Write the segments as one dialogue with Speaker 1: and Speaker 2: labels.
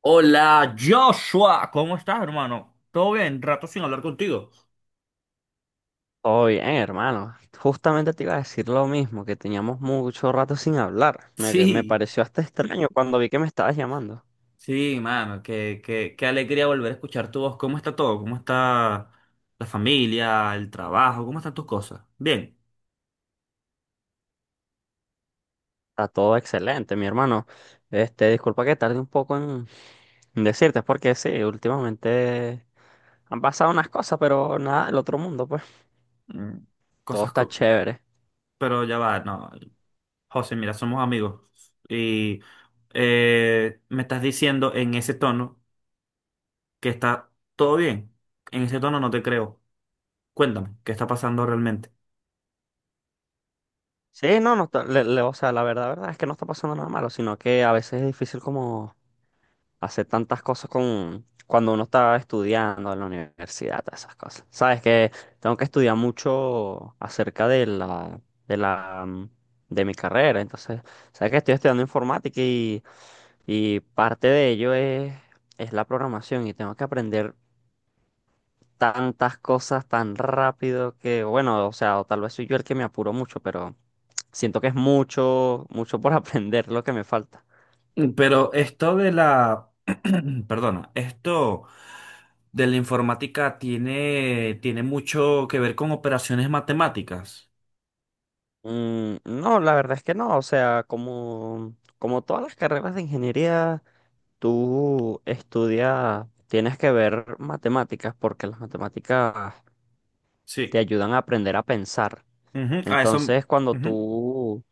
Speaker 1: Hola Joshua, ¿cómo estás, hermano? ¿Todo bien? Rato sin hablar contigo.
Speaker 2: Todo bien, hermano. Justamente te iba a decir lo mismo, que teníamos mucho rato sin hablar. Que me
Speaker 1: Sí,
Speaker 2: pareció hasta extraño cuando vi que me estabas llamando.
Speaker 1: sí, mano, qué alegría volver a escuchar tu voz. ¿Cómo está todo? ¿Cómo está la familia, el trabajo? ¿Cómo están tus cosas? Bien.
Speaker 2: Está todo excelente, mi hermano. Disculpa que tarde un poco en decirte, es porque sí, últimamente han pasado unas cosas, pero nada del otro mundo, pues.
Speaker 1: Mm,
Speaker 2: Todo
Speaker 1: Cosas,
Speaker 2: está
Speaker 1: co-
Speaker 2: chévere.
Speaker 1: pero ya va, no. José, mira, somos amigos. Y me estás diciendo en ese tono que está todo bien. En ese tono no te creo. Cuéntame, ¿qué está pasando realmente?
Speaker 2: Sí, no, no, o sea, la verdad, verdad es que no está pasando nada malo, sino que a veces es difícil como hacer tantas cosas con cuando uno está estudiando en la universidad, todas esas cosas. Sabes que tengo que estudiar mucho acerca de la, de la, mm, de mi carrera. Entonces, sabes que estoy estudiando informática y parte de ello es la programación y tengo que aprender tantas cosas tan rápido que, bueno, o sea, o tal vez soy yo el que me apuro mucho, pero siento que es mucho, mucho por aprender lo que me falta.
Speaker 1: Mm, pero esto de la, perdona, esto de la informática tiene, tiene mucho que ver con operaciones matemáticas.
Speaker 2: Mm, no, la verdad es que no. O sea, como, como todas las carreras de ingeniería, tú estudias, tienes que ver matemáticas porque las matemáticas te
Speaker 1: Sí.
Speaker 2: ayudan a aprender a pensar.
Speaker 1: Ujú. A eso,
Speaker 2: Entonces, cuando
Speaker 1: ujú.
Speaker 2: tú,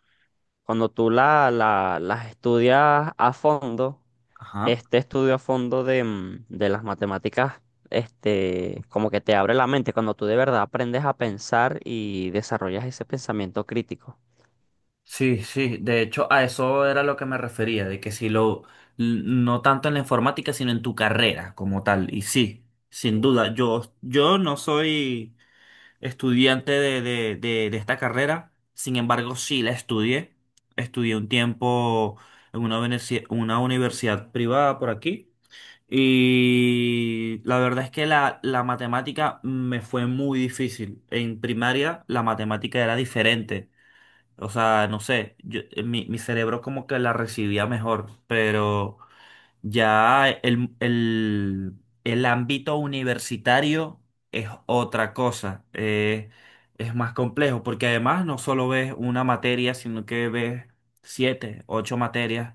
Speaker 2: cuando tú las estudias a fondo,
Speaker 1: Ajá.
Speaker 2: este estudio a fondo de de las matemáticas, como que te abre la mente cuando tú de verdad aprendes a pensar y desarrollas ese pensamiento crítico.
Speaker 1: Sí, sí, de hecho a eso era lo que me refería, de que si lo, l- no tanto en la informática, sino en tu carrera como tal. Y sí, sin duda, yo no soy... estudiante de esta carrera. Sin embargo, sí la estudié. Estudié un tiempo en una, universi- una universidad privada por aquí. Y la verdad es que la matemática me fue muy difícil. En primaria la matemática era diferente. O sea, no sé, yo- mi cerebro como que la recibía mejor, pero ya el ámbito universitario es otra cosa, es más complejo, porque además no solo ves una materia, sino que ves siete, ocho materias,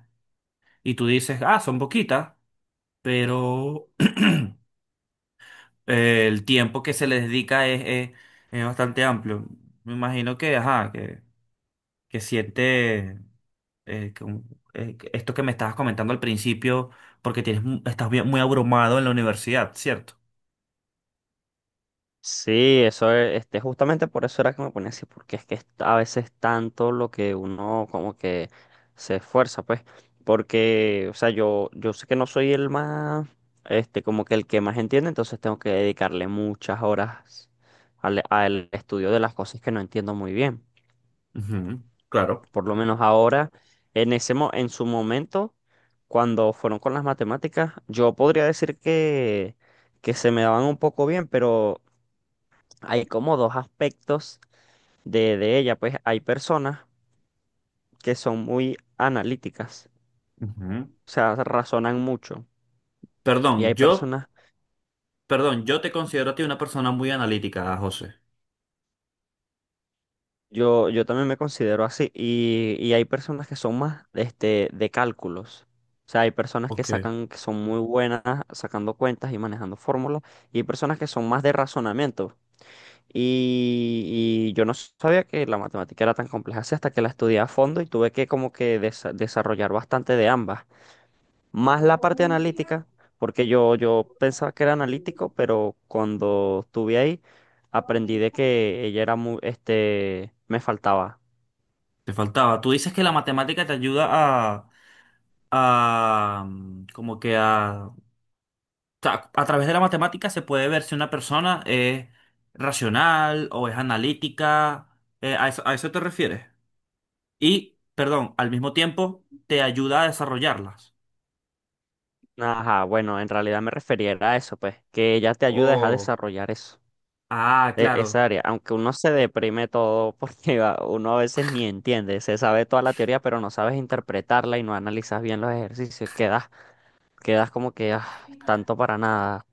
Speaker 1: y tú dices, ah, son poquitas, pero el tiempo que se le dedica es, es- es bastante amplio. Me imagino que, ajá, que siete, eh, que un- que esto que me estabas comentando al principio, porque tienes, mu- estás bien- muy abrumado en la universidad, ¿cierto?
Speaker 2: Sí, eso es, este, justamente por eso era que me ponía así, porque es que es a veces tanto lo que uno como que se esfuerza, pues, porque, o sea, yo sé que no soy el más, como que el que más entiende, entonces tengo que dedicarle muchas horas al estudio de las cosas que no entiendo muy bien.
Speaker 1: Ujú, claro.
Speaker 2: Por lo menos ahora, en su momento, cuando fueron con las matemáticas, yo podría decir que se me daban un poco bien, pero hay como dos aspectos de ella, pues hay personas que son muy analíticas,
Speaker 1: Ujú.
Speaker 2: o sea, razonan mucho. Y
Speaker 1: Perdón,
Speaker 2: hay
Speaker 1: yo,
Speaker 2: personas,
Speaker 1: perdón, yo te considero a ti una persona muy analítica, José.
Speaker 2: yo también me considero así, y hay personas que son más de cálculos. O sea, hay personas que
Speaker 1: Ok.
Speaker 2: sacan, que son muy buenas sacando cuentas y manejando fórmulas, y hay personas que son más de razonamiento. Y yo no sabía que la matemática era tan compleja así hasta que la estudié a fondo y tuve que como que desarrollar bastante de ambas. Más la parte analítica, porque yo pensaba que era analítico, pero cuando estuve ahí aprendí de que ella era muy, me faltaba.
Speaker 1: Te faltaba. Tú dices que la matemática te ayuda a, como que a, o sea, a través de la matemática se puede ver si una persona es racional o es analítica. A eso te refieres. Y, perdón, al mismo tiempo te ayuda a desarrollarlas.
Speaker 2: Ajá, bueno, en realidad me refería era a eso, pues, que ella te ayuda es a
Speaker 1: Oh,
Speaker 2: desarrollar eso,
Speaker 1: ah,
Speaker 2: e-
Speaker 1: claro.
Speaker 2: esa área, aunque uno se deprime todo porque uno a veces ni entiende, se sabe toda la teoría, pero no sabes interpretarla y no analizas bien los ejercicios, quedas, quedas como que ah, tanto para nada.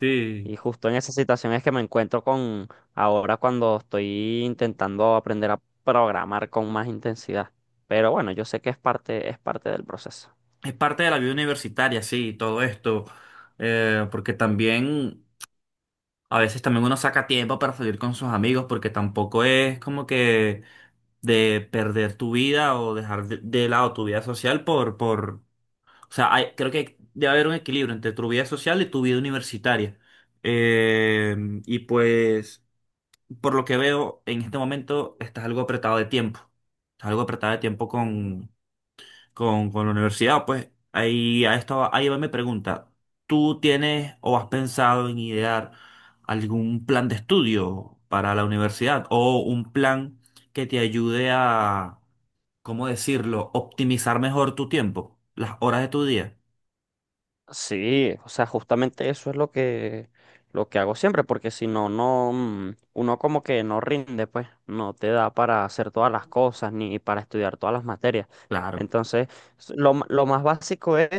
Speaker 1: Sí.
Speaker 2: Y justo en esa situación es que me encuentro con ahora cuando estoy intentando aprender a programar con más intensidad. Pero bueno, yo sé que es parte del proceso.
Speaker 1: Es parte de la vida universitaria, sí, todo esto, porque también a veces también uno saca tiempo para salir con sus amigos, porque tampoco es como que de perder tu vida o dejar de lado tu vida social o sea, hay- creo que debe haber un equilibrio entre tu vida social y tu vida universitaria. Eh, y pues, por lo que veo, en este momento estás algo apretado de tiempo, estás algo apretado de tiempo con la universidad, pues ahí, a esto, ahí va mi pregunta. ¿Tú tienes o has pensado en idear algún plan de estudio para la universidad o un plan que te ayude a, ¿cómo decirlo?, optimizar mejor tu tiempo, las horas de tu día?
Speaker 2: Sí, o sea, justamente eso es lo que hago siempre, porque si no, no, mm, uno como que no rinde, pues, no te da para hacer todas las cosas ni para estudiar todas las materias.
Speaker 1: Claro,
Speaker 2: Entonces, lo más básico es,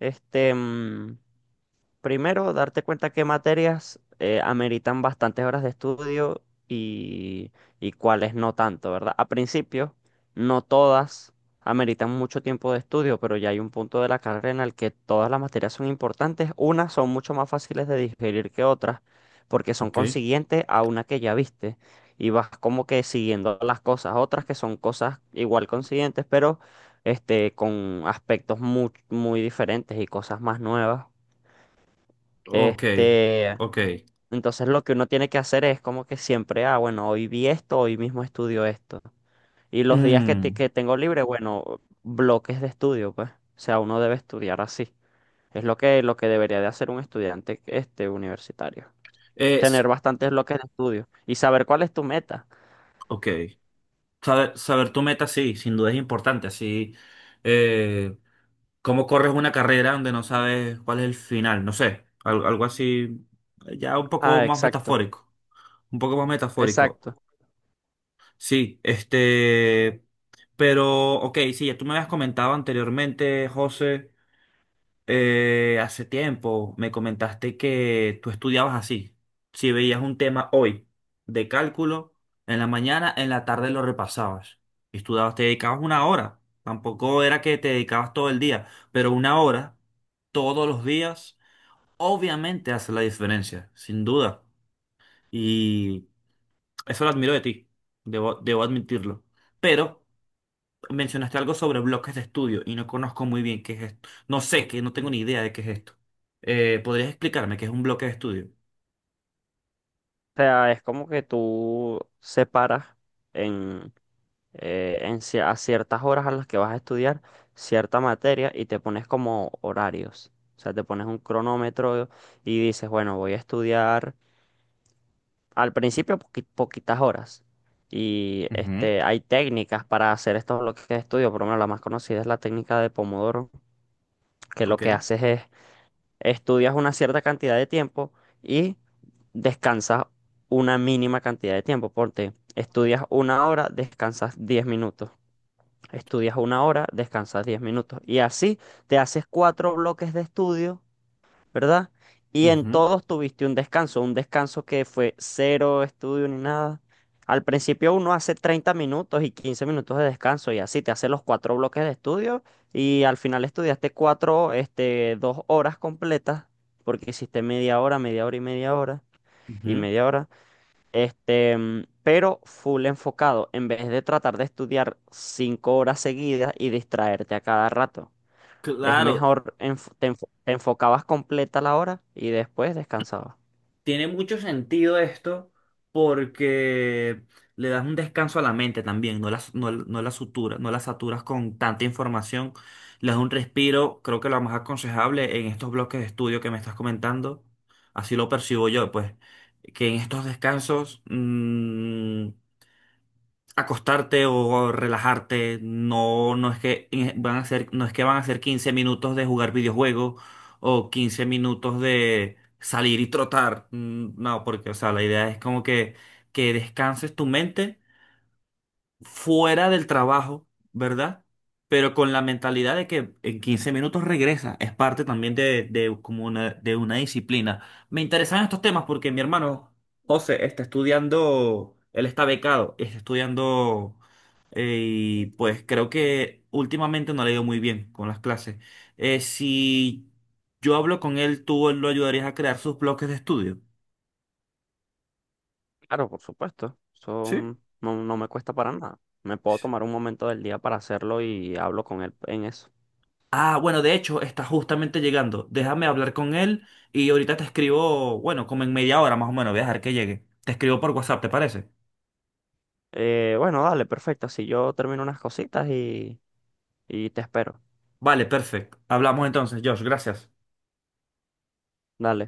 Speaker 2: este, mm, primero, darte cuenta qué materias ameritan bastantes horas de estudio y, y cuáles no tanto, ¿verdad? A principio, no todas ameritan mucho tiempo de estudio, pero ya hay un punto de la carrera en el que todas las materias son importantes. Unas son mucho más fáciles de digerir que otras, porque son
Speaker 1: ok,
Speaker 2: consiguientes a una que ya viste y vas como que siguiendo las cosas. Otras que son cosas igual consiguientes, pero este, con aspectos muy, muy diferentes y cosas más nuevas.
Speaker 1: ok,
Speaker 2: Este,
Speaker 1: ok.
Speaker 2: entonces lo que uno tiene que hacer es como que siempre, ah, bueno, hoy vi esto, hoy mismo estudio esto. Y los días que, te-
Speaker 1: Mm,
Speaker 2: que tengo libre, bueno, bloques de estudio, pues. O sea, uno debe estudiar así. Es lo que debería de hacer un estudiante universitario. Tener
Speaker 1: es,
Speaker 2: bastantes bloques de estudio y saber cuál es tu meta.
Speaker 1: ok. Saber, saber tu meta, sí, sin duda es importante, así. eh, ¿Cómo corres una carrera donde no sabes cuál es el final? No sé, al- algo, así, ya un poco
Speaker 2: Ah,
Speaker 1: más
Speaker 2: exacto,
Speaker 1: metafórico, un poco más metafórico.
Speaker 2: exacto. O
Speaker 1: Sí, este, pero, ok, sí, ya tú me habías comentado anteriormente, José, hace tiempo me comentaste que tú estudiabas así. Si veías un tema hoy de cálculo, en la mañana, en la tarde lo repasabas. Estudiabas, te dedicabas una hora. Tampoco era que te dedicabas todo el día, pero una hora todos los días, obviamente hace la diferencia, sin duda. Y eso lo admiro de ti, debo, debo admitirlo. Pero mencionaste algo sobre bloques de estudio y no conozco muy bien qué es esto. No sé, que no tengo ni idea de qué es esto. ¿Podrías explicarme qué es un bloque de estudio?
Speaker 2: sea, es como que tú separas en, a ciertas horas a las que vas a estudiar cierta materia y te pones como horarios. O sea, te pones un cronómetro y dices, bueno, voy a estudiar al principio poquitas horas. Y
Speaker 1: Ujú.
Speaker 2: hay técnicas para hacer estos bloques de estudio, por lo menos la más conocida es la técnica de Pomodoro, que lo que
Speaker 1: Ok.
Speaker 2: haces es estudias una cierta cantidad de tiempo y descansas una mínima cantidad de tiempo. Porque estudias una hora, descansas 10 minutos. Estudias una hora, descansas 10 minutos. Y así te haces 4 bloques de estudio, ¿verdad? Y en
Speaker 1: Ujú,
Speaker 2: todos tuviste un descanso que fue cero estudio ni nada. Al principio uno hace 30 minutos y 15 minutos de descanso y así te hace los 4 bloques de estudio y al final estudiaste cuatro, este, 2 horas completas porque hiciste media hora y media hora y
Speaker 1: ujú.
Speaker 2: media hora. Este, mm, pero full enfocado, en vez de tratar de estudiar 5 horas seguidas y distraerte a cada rato. Es
Speaker 1: Claro.
Speaker 2: mejor, te enfocabas completa la hora y después descansabas.
Speaker 1: Tiene mucho sentido esto porque le das un descanso a la mente también, no la, no, no la sutura- no la saturas con tanta información, le das un respiro, creo que lo más aconsejable en estos bloques de estudio que me estás comentando, así lo percibo yo, pues, que en estos descansos acostarte o relajarte, no, no es que van a ser, no es que van a ser 15 minutos de jugar videojuegos o 15 minutos de salir y trotar. Mm, no, porque, o sea, la idea es como que descanses tu mente fuera del trabajo, ¿verdad? Pero con la mentalidad de que en 15 minutos regresa. Es parte también de como una, de una disciplina. Me interesan estos temas porque mi hermano José está estudiando, él está becado, está estudiando y pues creo que últimamente no le ha ido muy bien con las clases. Si yo hablo con él, ¿tú lo ayudarías a crear sus bloques de estudio?
Speaker 2: Claro, por supuesto. Eso
Speaker 1: Sí.
Speaker 2: no me cuesta para nada. Me puedo tomar un momento del día para hacerlo y hablo con él en eso.
Speaker 1: Ah, bueno, de hecho, está justamente llegando. Déjame hablar con él y ahorita te escribo, bueno, como en media hora más o menos, voy a dejar que llegue. Te escribo por WhatsApp, ¿te parece?
Speaker 2: Bueno, dale, perfecto. Así yo termino unas cositas y te espero.
Speaker 1: Vale, perfecto. Hablamos entonces, Josh, gracias.
Speaker 2: Dale.